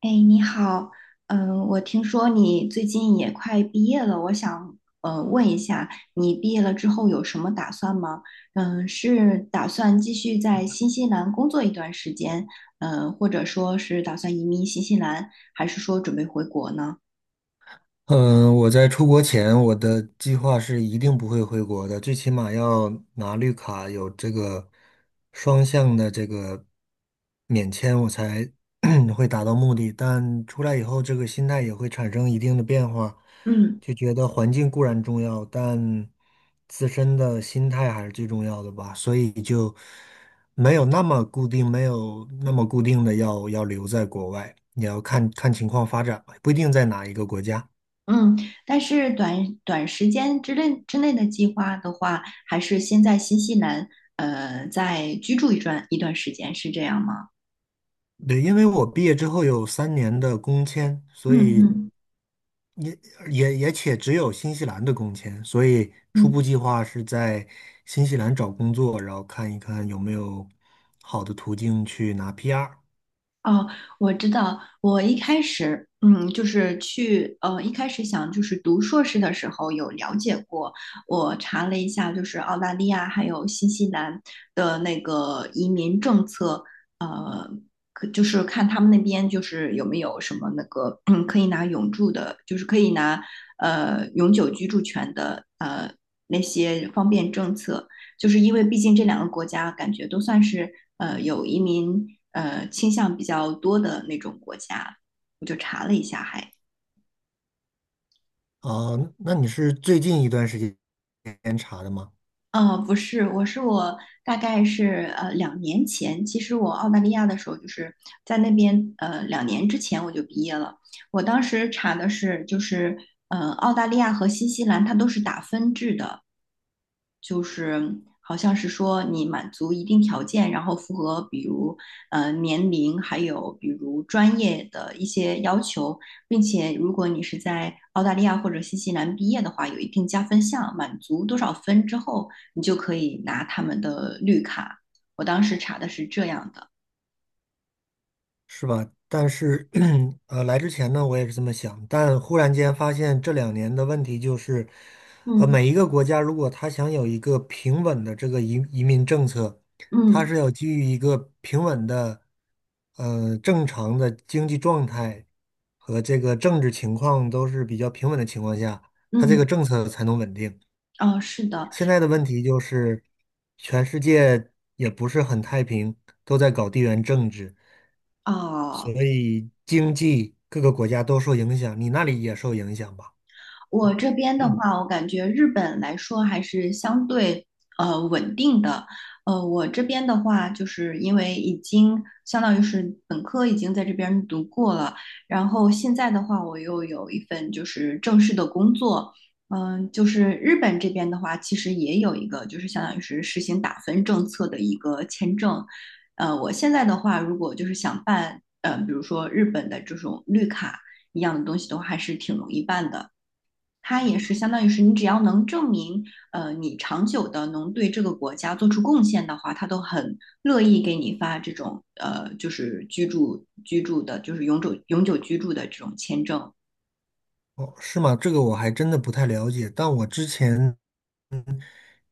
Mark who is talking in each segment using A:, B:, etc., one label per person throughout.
A: 哎，你好，我听说你最近也快毕业了，我想问一下，你毕业了之后有什么打算吗？是打算继续在新西兰工作一段时间，或者说是打算移民新西兰，还是说准备回国呢？
B: 嗯，我在出国前，我的计划是一定不会回国的，最起码要拿绿卡，有这个双向的这个免签，我才 会达到目的。但出来以后，这个心态也会产生一定的变化，
A: 嗯
B: 就觉得环境固然重要，但自身的心态还是最重要的吧。所以就没有那么固定，没有那么固定的要留在国外，也要看看情况发展吧，不一定在哪一个国家。
A: 嗯。但是短短时间之内的计划的话，还是先在新西兰再居住一段时间，是这样吗？
B: 对，因为我毕业之后有3年的工签，所
A: 嗯
B: 以
A: 嗯
B: 也也且只有新西兰的工签，所以初步
A: 嗯。
B: 计划是在新西兰找工作，然后看一看有没有好的途径去拿 PR。
A: 哦，我知道。我一开始，就是去，一开始想就是读硕士的时候有了解过，我查了一下，就是澳大利亚还有新西兰的那个移民政策，呃，可就是看他们那边就是有没有什么那个，可以拿永住的，就是可以拿永久居住权的，那些方便政策。就是因为毕竟这两个国家感觉都算是有移民倾向比较多的那种国家，我就查了一下还，
B: 啊、那你是最近一段时间查的吗？
A: 哦，不是，我大概是2年前，其实我澳大利亚的时候就是在那边2年之前我就毕业了，我当时查的是就是澳大利亚和新西兰它都是打分制的。就是好像是说你满足一定条件，然后符合比如年龄，还有比如专业的一些要求，并且如果你是在澳大利亚或者新西兰毕业的话，有一定加分项，满足多少分之后，你就可以拿他们的绿卡。我当时查的是这样的。
B: 是吧？但是，来之前呢，我也是这么想，但忽然间发现这两年的问题就是，呃，
A: 嗯
B: 每一个国家如果他想有一个平稳的这个移民政策，他
A: 嗯
B: 是要基于一个平稳的，呃，正常的经济状态和这个政治情况都是比较平稳的情况下，它这个
A: 嗯。
B: 政策才能稳定。
A: 哦，是的。
B: 现在的问题就是，全世界也不是很太平，都在搞地缘政治。所
A: 哦，
B: 以经济各个国家都受影响，你那里也受影响吧？
A: 我这边的
B: 嗯
A: 话，我感觉日本来说还是相对稳定的。我这边的话，就是因为已经相当于是本科已经在这边读过了，然后现在的话，我又有一份就是正式的工作。就是日本这边的话，其实也有一个就是相当于是实行打分政策的一个签证。我现在的话，如果就是想办，比如说日本的这种绿卡一样的东西的话，还是挺容易办的。它也是相当于是你只要能证明，你长久的能对这个国家做出贡献的话，他都很乐意给你发这种就是居住的，就是永久居住的这种签证。
B: 哦，是吗？这个我还真的不太了解，但我之前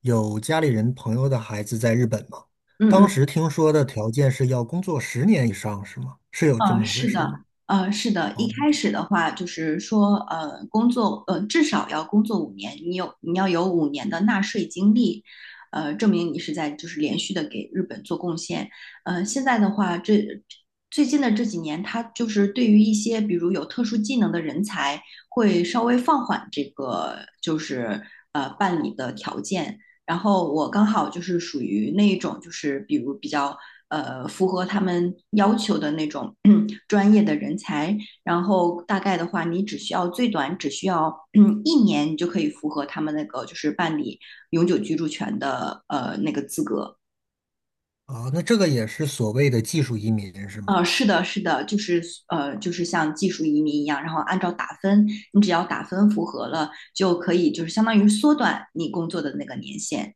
B: 有家里人朋友的孩子在日本嘛，
A: 嗯
B: 当
A: 嗯
B: 时听说的条件是要工作10年以上，是吗？是有这
A: 嗯，
B: 么回
A: 是
B: 事儿吗？
A: 的。是的，一
B: 哦，
A: 开始的话就是说，工作，至少要工作五年，你要有五年的纳税经历，证明你是在就是连续的给日本做贡献。现在的话，这最近的这几年，它就是对于一些比如有特殊技能的人才，会稍微放缓这个就是办理的条件。然后我刚好就是属于那一种，就是比如比较符合他们要求的那种 专业的人才。然后大概的话，你只需要最短只需要 一年，你就可以符合他们那个就是办理永久居住权的那个资格。
B: 啊，那这个也是所谓的技术移民，是吗？
A: 啊，是的，是的，就是就是像技术移民一样，然后按照打分，你只要打分符合了，就可以就是相当于缩短你工作的那个年限。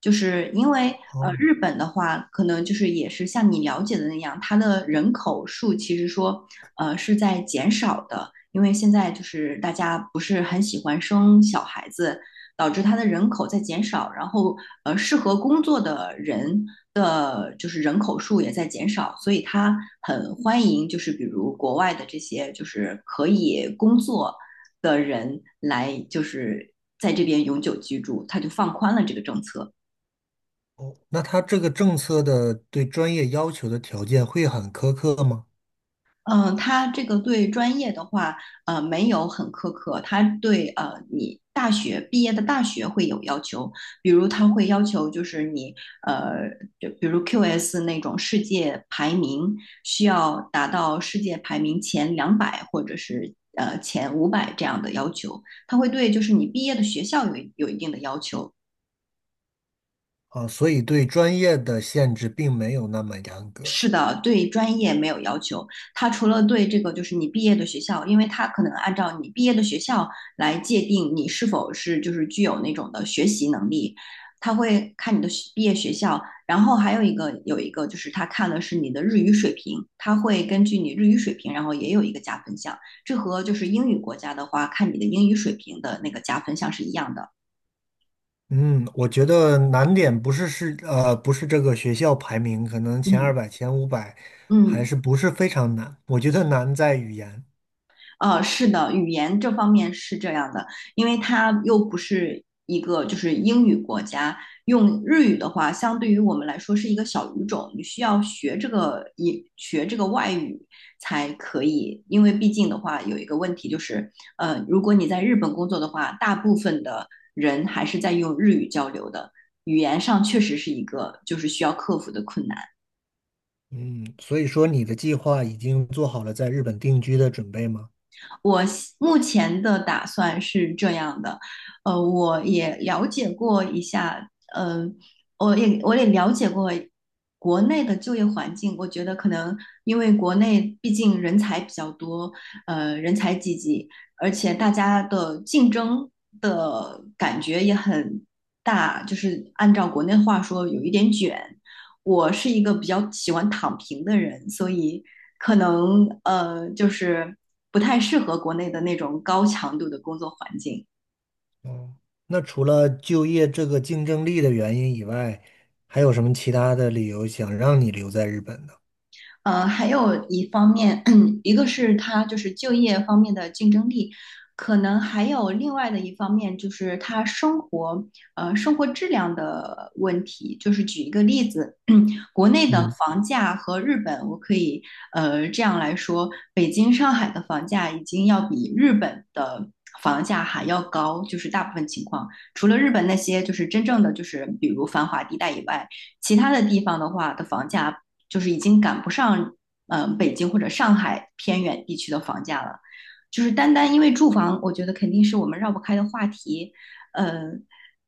A: 就是因为
B: 哦，
A: 日本的话，可能就是也是像你了解的那样，它的人口数其实说是在减少的，因为现在就是大家不是很喜欢生小孩子，导致它的人口在减少，然后适合工作的人的就是人口数也在减少，所以它很欢迎就是比如国外的这些就是可以工作的人来就是在这边永久居住，它就放宽了这个政策。
B: 哦，那他这个政策的对专业要求的条件会很苛刻吗？
A: 他这个对专业的话，没有很苛刻，他对你大学毕业的大学会有要求，比如他会要求就是你呃，就比如 QS 那种世界排名需要达到世界排名前200或者是前500这样的要求，他会对就是你毕业的学校有一定的要求，
B: 啊，所以对专业的限制并没有那么严格。
A: 是的，对专业没有要求。他除了对这个，就是你毕业的学校，因为他可能按照你毕业的学校来界定你是否是就是具有那种的学习能力，他会看你的学毕业学校。然后还有一个有一个就是他看的是你的日语水平，他会根据你日语水平，然后也有一个加分项。这和就是英语国家的话，看你的英语水平的那个加分项是一样的。
B: 嗯，我觉得难点不是这个学校排名，可能前
A: 嗯
B: 200、前500还
A: 嗯。
B: 是不是非常难。我觉得难在语言。
A: 是的，语言这方面是这样的，因为它又不是一个就是英语国家，用日语的话，相对于我们来说是一个小语种，你需要学这个一学这个外语才可以，因为毕竟的话有一个问题就是，如果你在日本工作的话，大部分的人还是在用日语交流的，语言上确实是一个就是需要克服的困难。
B: 嗯，所以说你的计划已经做好了在日本定居的准备吗？
A: 我目前的打算是这样的，我也了解过一下，我也了解过国内的就业环境，我觉得可能因为国内毕竟人才比较多，人才济济，而且大家的竞争的感觉也很大，就是按照国内话说，有一点卷。我是一个比较喜欢躺平的人，所以可能就是不太适合国内的那种高强度的工作环境。
B: 哦。那除了就业这个竞争力的原因以外，还有什么其他的理由想让你留在日本呢？
A: 还有一方面，一个是它就是就业方面的竞争力，可能还有另外的一方面就是它生活，生活质量的问题。就是举一个例子，国内的
B: 嗯。
A: 房价和日本，我可以这样来说，北京、上海的房价已经要比日本的房价还要高，就是大部分情况，除了日本那些就是真正的就是比如繁华地带以外，其他的地方的话的房价。就是已经赶不上北京或者上海偏远地区的房价了。就是单单因为住房，我觉得肯定是我们绕不开的话题。呃，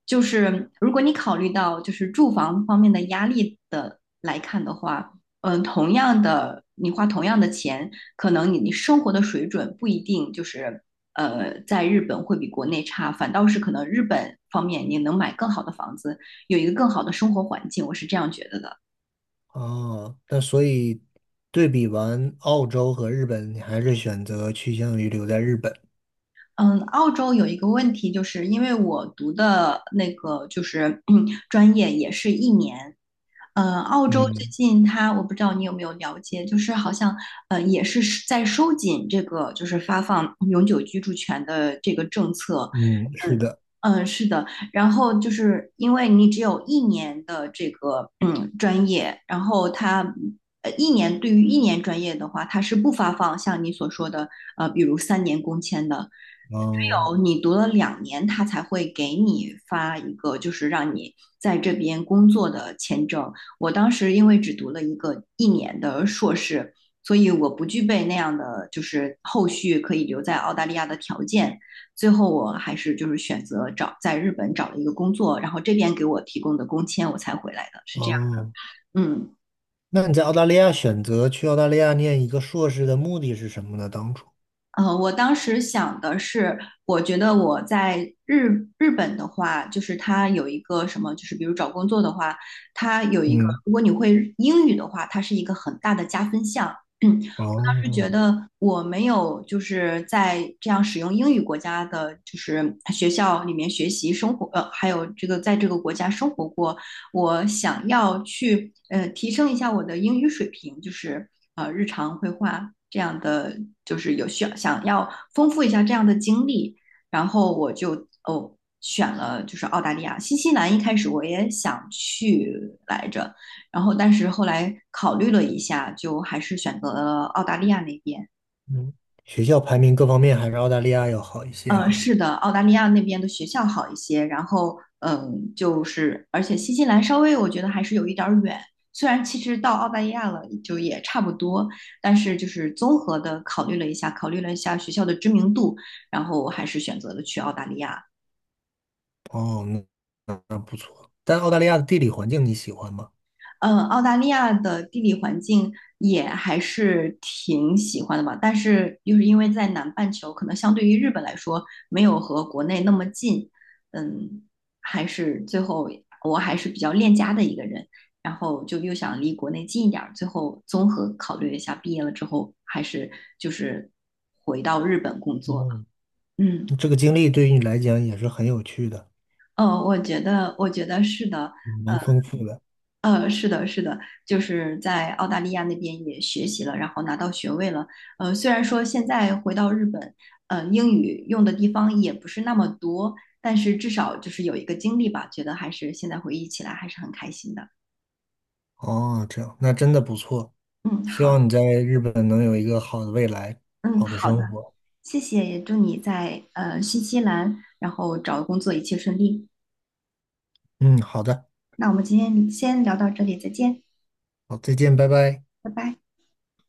A: 就是如果你考虑到就是住房方面的压力的来看的话，同样的你花同样的钱，可能你生活的水准不一定就是在日本会比国内差，反倒是可能日本方面你能买更好的房子，有一个更好的生活环境，我是这样觉得的。
B: 哦，那所以对比完澳洲和日本，你还是选择趋向于留在日本。
A: 嗯，澳洲有一个问题，就是因为我读的那个就是 专业也是一年，澳洲最
B: 嗯
A: 近它，我不知道你有没有了解，就是好像也是在收紧这个就是发放永久居住权的这个政策，
B: 嗯，是
A: 嗯
B: 的。
A: 嗯是的。然后就是因为你只有一年的这个专业，然后它一年对于一年专业的话，它是不发放像你所说的比如3年工签的，只
B: 哦
A: 有你读了两年，他才会给你发一个，就是让你在这边工作的签证。我当时因为只读了一个一年的硕士，所以我不具备那样的就是后续可以留在澳大利亚的条件。最后我还是就是选择找在日本找了一个工作，然后这边给我提供的工签我才回来的，是这样的。
B: 哦，
A: 嗯。
B: 那你在澳大利亚选择去澳大利亚念一个硕士的目的是什么呢？当初，
A: 我当时想的是，我觉得我在日本的话，就是它有一个什么，就是比如找工作的话，它有一个，
B: 嗯，
A: 如果你会英语的话，它是一个很大的加分项。嗯，是觉
B: 哦，
A: 得我没有就是在这样使用英语国家的，就是学校里面学习生活，还有这个在这个国家生活过，我想要去提升一下我的英语水平，就是日常绘画这样的，就是有需要想要丰富一下这样的经历，然后我就选了就是澳大利亚、新西兰，一开始我也想去来着，然后但是后来考虑了一下，就还是选择了澳大利亚那边。
B: 嗯，学校排名各方面还是澳大利亚要好一些
A: 嗯，
B: 哈。
A: 是的，澳大利亚那边的学校好一些，然后就是而且新西兰稍微我觉得还是有一点儿远，虽然其实到澳大利亚了就也差不多，但是就是综合的考虑了一下，考虑了一下学校的知名度，然后我还是选择了去澳大利亚。
B: 哦，那但澳大利亚的地理环境你喜欢吗？
A: 嗯，澳大利亚的地理环境也还是挺喜欢的吧，但是就是因为在南半球，可能相对于日本来说，没有和国内那么近，嗯，还是最后我还是比较恋家的一个人，然后就又想离国内近一点儿，最后综合考虑了一下，毕业了之后还是就是回到日本工作了。
B: 哦，
A: 嗯。
B: 这个经历对于你来讲也是很有趣的，
A: 哦，我觉得是的，
B: 蛮丰富的。
A: 是的，是的，就是在澳大利亚那边也学习了，然后拿到学位了。虽然说现在回到日本，英语用的地方也不是那么多，但是至少就是有一个经历吧，觉得还是现在回忆起来还是很开心的。
B: 哦，这样，那真的不错。
A: 嗯，
B: 希
A: 好。
B: 望你在日本能有一个好的未来，
A: 嗯，
B: 好的
A: 好的，
B: 生活。
A: 谢谢，也祝你在新西兰，然后找工作一切顺利。
B: 嗯，好的，
A: 那我们今天先聊到这里，再见，
B: 好，再见，拜拜。
A: 拜拜。